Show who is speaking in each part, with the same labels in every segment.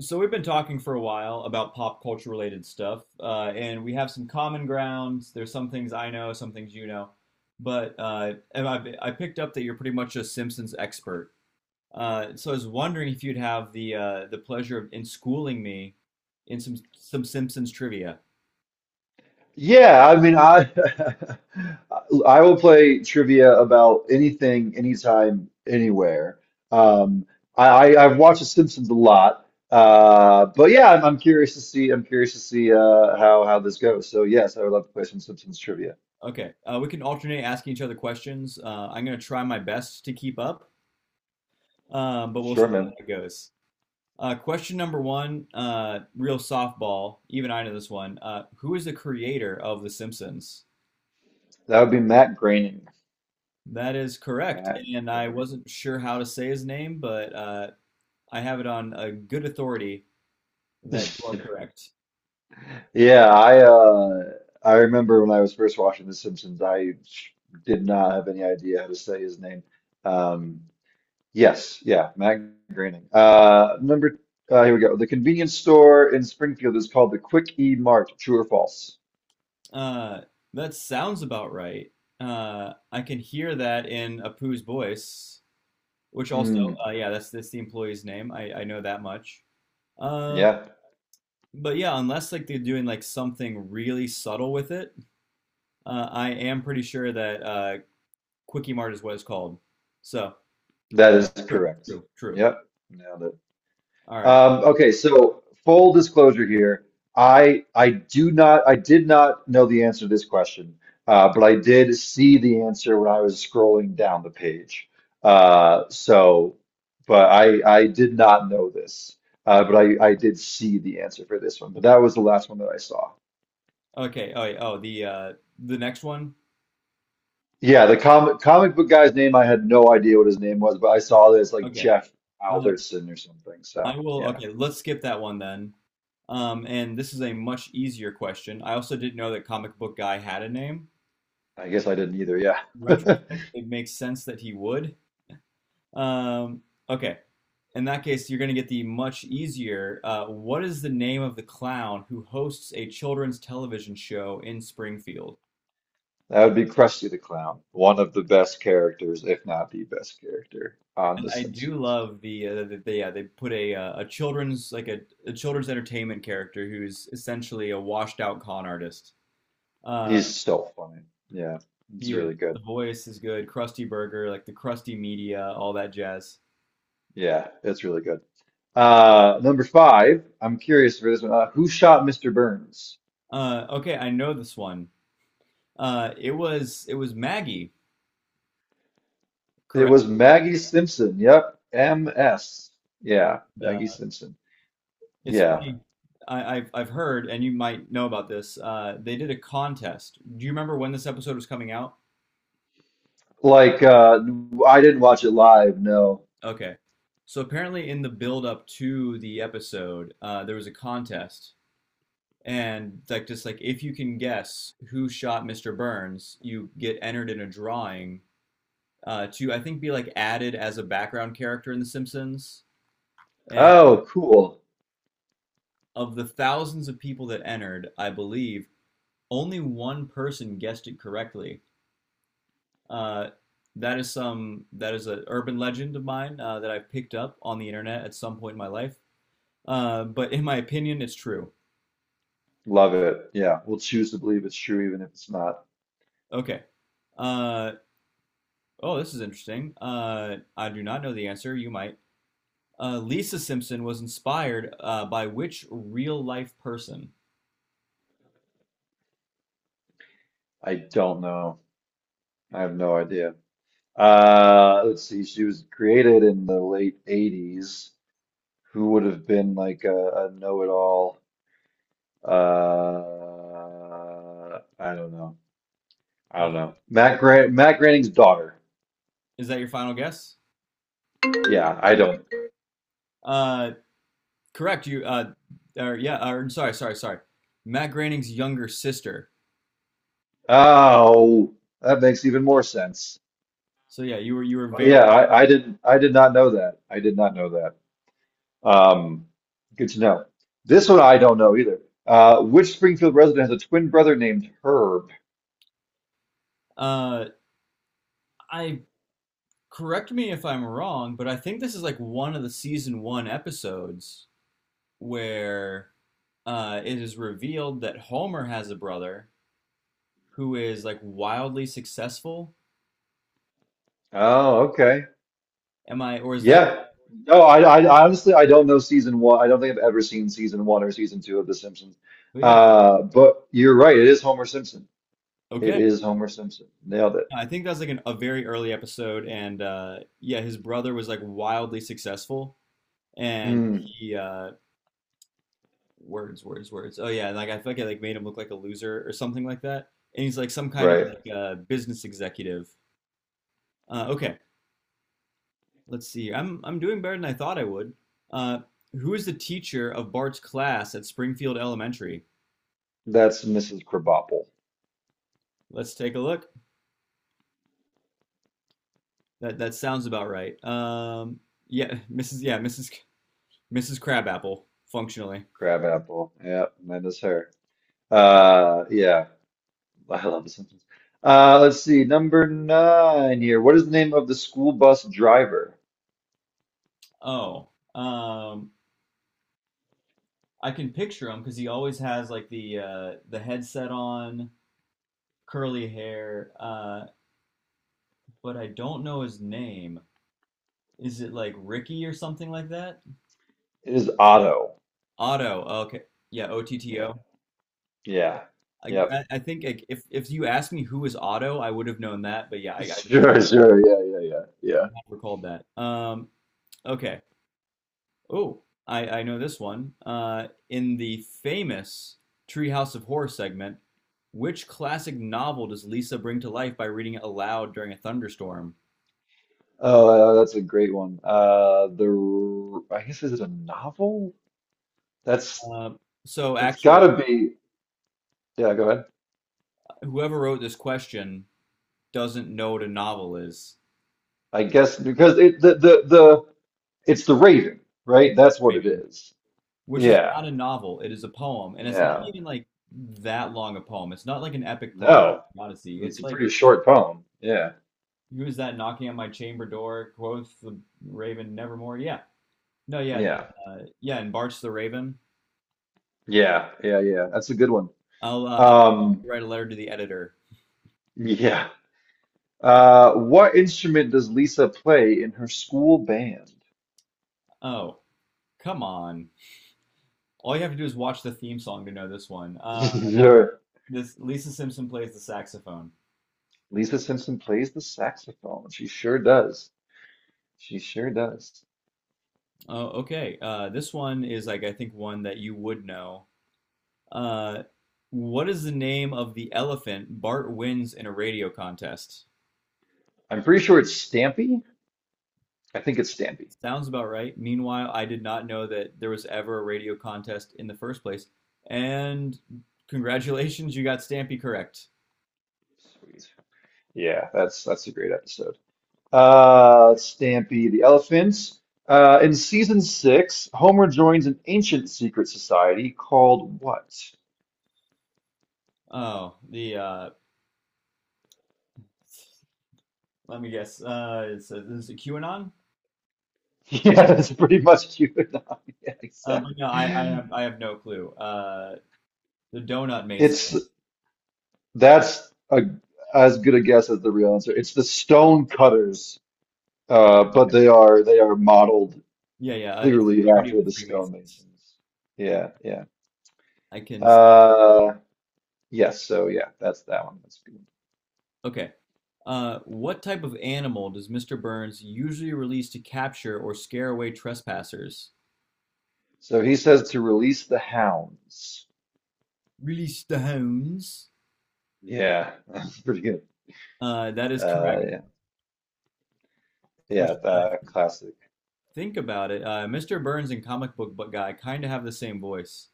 Speaker 1: So we've been talking for a while about pop culture related stuff, and we have some common grounds. There's some things I know, some things you know, but I picked up that you're pretty much a Simpsons expert. So I was wondering if you'd have the pleasure of in schooling me in some Simpsons trivia.
Speaker 2: Yeah, I mean, I I will play trivia about anything, anytime, anywhere. Um, I, I've watched The Simpsons a lot, but yeah, I'm curious to see. I'm curious to see how this goes. So yes, I would love to play some Simpsons trivia.
Speaker 1: Okay, we can alternate asking each other questions. I'm gonna try my best to keep up, but we'll
Speaker 2: Sure,
Speaker 1: see
Speaker 2: man.
Speaker 1: how it goes. Question number one, real softball. Even I know this one. Who is the creator of The Simpsons?
Speaker 2: That would be Matt Groening.
Speaker 1: That is correct,
Speaker 2: Matt
Speaker 1: and I
Speaker 2: Groening.
Speaker 1: wasn't sure how to say his name, but I have it on a good authority that you
Speaker 2: Yes.
Speaker 1: are correct.
Speaker 2: Yeah, I remember when I was first watching The Simpsons, I did not have any idea how to say his name. Um, Yes, yeah, Matt Groening. Here we go. The convenience store in Springfield is called the Quick E Mart. True or false?
Speaker 1: Uh, that sounds about right. I can hear that in Apu's voice, which also,
Speaker 2: Mm,
Speaker 1: yeah, that's the employee's name. I know that much. Um,
Speaker 2: yeah,
Speaker 1: but yeah, unless like they're doing like something really subtle with it, I am pretty sure that Quickie Mart is what it's called. So
Speaker 2: that is
Speaker 1: true,
Speaker 2: correct.
Speaker 1: true, true.
Speaker 2: Yep, nailed it.
Speaker 1: All right.
Speaker 2: Okay, so full disclosure here, I do not I did not know the answer to this question, but I did see the answer when I was scrolling down the page. Uh, so, but I did not know this, but I did see the answer for this one. But that was the last one that I saw.
Speaker 1: Okay. Oh, yeah. Oh, the next one.
Speaker 2: Yeah, the comic book guy's name I had no idea what his name was, but I saw this like
Speaker 1: Okay.
Speaker 2: Jeff
Speaker 1: Uh,
Speaker 2: Alderson or something.
Speaker 1: I
Speaker 2: So
Speaker 1: will.
Speaker 2: yeah,
Speaker 1: Okay, let's skip that one then. And this is a much easier question. I also didn't know that Comic Book Guy had a name.
Speaker 2: I guess I didn't either. Yeah.
Speaker 1: In retrospect, it makes sense that he would. Um, okay. In that case, you're going to get the much easier. What is the name of the clown who hosts a children's television show in Springfield?
Speaker 2: That would be Krusty the Clown, one of the best characters, if not the best character on
Speaker 1: And
Speaker 2: The
Speaker 1: I do
Speaker 2: Simpsons.
Speaker 1: love the, the yeah they put a children's like a children's entertainment character who's essentially a washed out con artist. Uh,
Speaker 2: He's so funny. Yeah, it's
Speaker 1: he is.
Speaker 2: really
Speaker 1: The
Speaker 2: good.
Speaker 1: voice is good. Krusty Burger, like the Krusty media, all that jazz.
Speaker 2: Yeah, it's really good. Number five, I'm curious for this one. Who shot Mr. Burns?
Speaker 1: Okay, I know this one. It was Maggie,
Speaker 2: It
Speaker 1: correct?
Speaker 2: was Maggie Simpson. Yep, MS. Yeah, Maggie
Speaker 1: Uh,
Speaker 2: Simpson.
Speaker 1: it's
Speaker 2: Yeah,
Speaker 1: funny. I've heard, and you might know about this. They did a contest. Do you remember when this episode was coming out?
Speaker 2: like uh, I didn't watch it live. No.
Speaker 1: Okay. So apparently in the build up to the episode, there was a contest and like just like if you can guess who shot Mr. Burns, you get entered in a drawing to I think be like added as a background character in The Simpsons. And
Speaker 2: Oh, cool.
Speaker 1: of the thousands of people that entered, I believe only one person guessed it correctly. Uh, that is an urban legend of mine that I picked up on the internet at some point in my life. But in my opinion, it's true.
Speaker 2: Love it. Yeah, we'll choose to believe it's true even if it's not.
Speaker 1: Okay. Uh, oh, this is interesting. I do not know the answer. You might. Lisa Simpson was inspired by which real life person?
Speaker 2: I don't know. I have no idea. Let's see. She was created in the late 80s. Who would have been like a know-it-all? I don't know. I don't
Speaker 1: Uh,
Speaker 2: know. Matt Grant, Matt Groening's daughter.
Speaker 1: is that your final guess?
Speaker 2: Yeah, I don't.
Speaker 1: Uh, Correct. You. Yeah. Or, sorry. Sorry. Sorry. Matt Groening's younger sister.
Speaker 2: Oh, that makes even more sense.
Speaker 1: So yeah, you were very.
Speaker 2: Yeah, I didn't. I did not know that. I did not know that. Um, Good to know. This one I don't know either. Which Springfield resident has a twin brother named Herb?
Speaker 1: Uh, I correct me if I'm wrong, but I think this is like one of the season one episodes where it is revealed that Homer has a brother who is like wildly successful?
Speaker 2: Oh, okay.
Speaker 1: Am I, or is that?
Speaker 2: Yeah. No, I don't know season one. I don't think I've ever seen season one or season two of The Simpsons.
Speaker 1: But yeah,
Speaker 2: But you're right. It is Homer Simpson. It
Speaker 1: okay.
Speaker 2: is Homer Simpson. Nailed it.
Speaker 1: No, I think that's like an, a very early episode, and yeah, his brother was like wildly successful, and
Speaker 2: Mm,
Speaker 1: he words, words, words. Oh yeah, and like I feel like it like made him look like a loser or something like that. And he's like some kind of
Speaker 2: right.
Speaker 1: like business executive. Okay, let's see. I'm doing better than I thought I would. Uh, who is the teacher of Bart's class at Springfield Elementary?
Speaker 2: That's Mrs. Crabapple.
Speaker 1: Let's take a look. That sounds about right. Yeah, Mrs. Crabapple, functionally.
Speaker 2: Crabapple. Yeah, that is her. Yeah. I love The Simpsons. Let's see. Number nine here. What is the name of the school bus driver?
Speaker 1: Oh, um, I can picture him because he always has like the headset on, curly hair. But I don't know his name. Is it like Ricky or something like that?
Speaker 2: It is Otto.
Speaker 1: Otto. Okay. Yeah,
Speaker 2: Yeah.
Speaker 1: Otto.
Speaker 2: Yeah.
Speaker 1: I,
Speaker 2: Yep.
Speaker 1: I I think like, if you asked me who is Otto, I would have known that. But yeah, I just
Speaker 2: Sure, sure. Yeah, yeah, yeah. Yeah.
Speaker 1: recalled that. Okay. Oh, I know this one. In the famous Treehouse of Horror segment, which classic novel does Lisa bring to life by reading it aloud during a thunderstorm?
Speaker 2: Oh, that's a great one. The I guess is it a novel? That's
Speaker 1: Uh, so
Speaker 2: It's got
Speaker 1: actually,
Speaker 2: to be. Yeah, go ahead.
Speaker 1: whoever wrote this question doesn't know what a novel is.
Speaker 2: I guess because it's the Raven, right?
Speaker 1: It's
Speaker 2: That's what it
Speaker 1: Raven,
Speaker 2: is.
Speaker 1: which is
Speaker 2: Yeah,
Speaker 1: not a novel. It is a poem, and it's not
Speaker 2: yeah.
Speaker 1: even like that long a poem. It's not like an epic poem,
Speaker 2: No,
Speaker 1: Odyssey. It's
Speaker 2: it's a
Speaker 1: like
Speaker 2: pretty short poem. Yeah,
Speaker 1: who is that knocking on my chamber door? Quoth the Raven, nevermore. Yeah, no, yeah, that,
Speaker 2: yeah,
Speaker 1: yeah, and Bart's the Raven.
Speaker 2: yeah, yeah, yeah. That's a good one.
Speaker 1: I'll
Speaker 2: Um,
Speaker 1: write a letter to the editor.
Speaker 2: yeah. What instrument does Lisa play in her school band?
Speaker 1: Oh, come on! All you have to do is watch the theme song to know this one.
Speaker 2: Sure.
Speaker 1: This Lisa Simpson plays the saxophone.
Speaker 2: Lisa Simpson plays the saxophone. She sure does. She sure does.
Speaker 1: Oh, okay. This one is like I think one that you would know. Uh, what is the name of the elephant Bart wins in a radio contest?
Speaker 2: I'm pretty sure it's Stampy. I think it's Stampy.
Speaker 1: Sounds about right. Meanwhile, I did not know that there was ever a radio contest in the first place. And congratulations, you got Stampy correct.
Speaker 2: Sweet. Yeah, that's a great episode. Stampy the elephant. In season six, Homer joins an ancient secret society called what?
Speaker 1: Oh, the let me guess. It's is it QAnon?
Speaker 2: Yeah, that's pretty much QAnon. Yeah,
Speaker 1: No, I, I
Speaker 2: exactly.
Speaker 1: have I have no clue. The Donut Mason.
Speaker 2: It's that's a, as good a guess as the real answer. It's the Stone Cutters, but they are modeled
Speaker 1: Yeah, yeah. It's the
Speaker 2: clearly
Speaker 1: parody of
Speaker 2: after
Speaker 1: the
Speaker 2: the
Speaker 1: Freemasons.
Speaker 2: stonemasons. Yeah, yeah.
Speaker 1: I can. s-
Speaker 2: Uh, yes, so yeah, that's that one. That's good.
Speaker 1: Okay. What type of animal does Mr. Burns usually release to capture or scare away trespassers?
Speaker 2: So he says to release the hounds.
Speaker 1: Release the hounds.
Speaker 2: Yeah, that's pretty good.
Speaker 1: That is correct.
Speaker 2: Yeah,
Speaker 1: Which,
Speaker 2: yeah, that classic.
Speaker 1: think about it, Mr. Burns and comic book guy kind of have the same voice.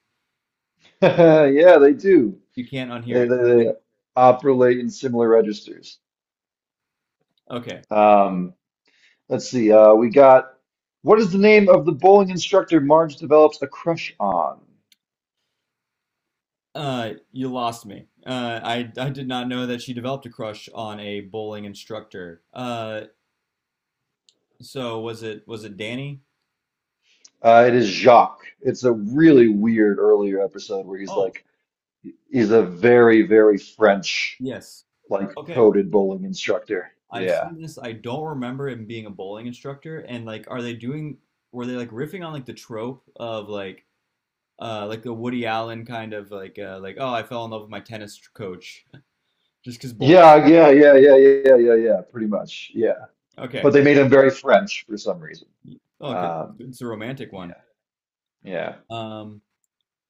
Speaker 2: Yeah, they do.
Speaker 1: You can't
Speaker 2: They,
Speaker 1: unhear it.
Speaker 2: they they operate in similar registers.
Speaker 1: Okay.
Speaker 2: Um, let's see. We got what is the name of the bowling instructor Marge develops a crush on?
Speaker 1: You lost me. I I did not know that she developed a crush on a bowling instructor. So was it Danny?
Speaker 2: It is Jacques. It's a really weird earlier episode where he's
Speaker 1: Oh,
Speaker 2: like, he's a very, very French,
Speaker 1: yes.
Speaker 2: like,
Speaker 1: Okay.
Speaker 2: coded bowling instructor.
Speaker 1: I've
Speaker 2: Yeah.
Speaker 1: seen this. I don't remember him being a bowling instructor. And like, are they doing? Were they like riffing on like the trope of like the Woody Allen kind of like oh I fell in love with my tennis coach just because bowling.
Speaker 2: Yeah, yeah, yeah, yeah, yeah, yeah, yeah, yeah, pretty much. Yeah.
Speaker 1: Okay.
Speaker 2: But they made him very French for some reason.
Speaker 1: Oh, good.
Speaker 2: Um,
Speaker 1: It's a romantic one.
Speaker 2: yeah, yeah.
Speaker 1: Um,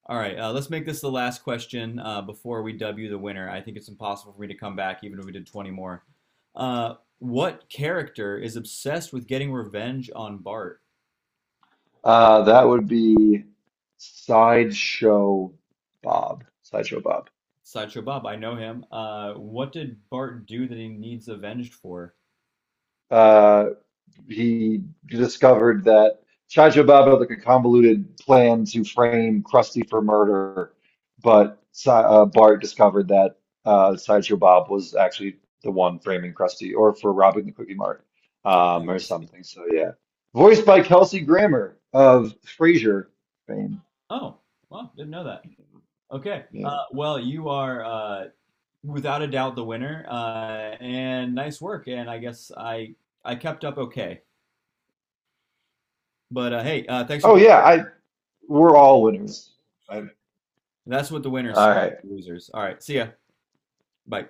Speaker 1: All right, let's make this the last question before we dub you the winner. I think it's impossible for me to come back, even if we did 20 more. What character is obsessed with getting revenge on Bart?
Speaker 2: That would be Sideshow Bob. Sideshow Bob.
Speaker 1: Sideshow Bob, I know him. What did Bart do that he needs avenged for?
Speaker 2: Uh, he discovered that Chaja Baba had like a convoluted plan to frame Krusty for murder, but Bart discovered that Sideshow Bob was actually the one framing Krusty, or for robbing the Cookie Mart,
Speaker 1: Oh,
Speaker 2: or
Speaker 1: I see.
Speaker 2: something. So yeah, voiced by Kelsey Grammer of Frasier fame.
Speaker 1: Oh, well, didn't know that. Okay.
Speaker 2: Yeah.
Speaker 1: Well, you are without a doubt the winner, and nice work. And I guess I kept up okay. But hey, thanks for
Speaker 2: Oh
Speaker 1: playing.
Speaker 2: yeah, I we're all winners. I,
Speaker 1: That's what the winners
Speaker 2: all
Speaker 1: say,
Speaker 2: right.
Speaker 1: losers. All right, see ya. Bye.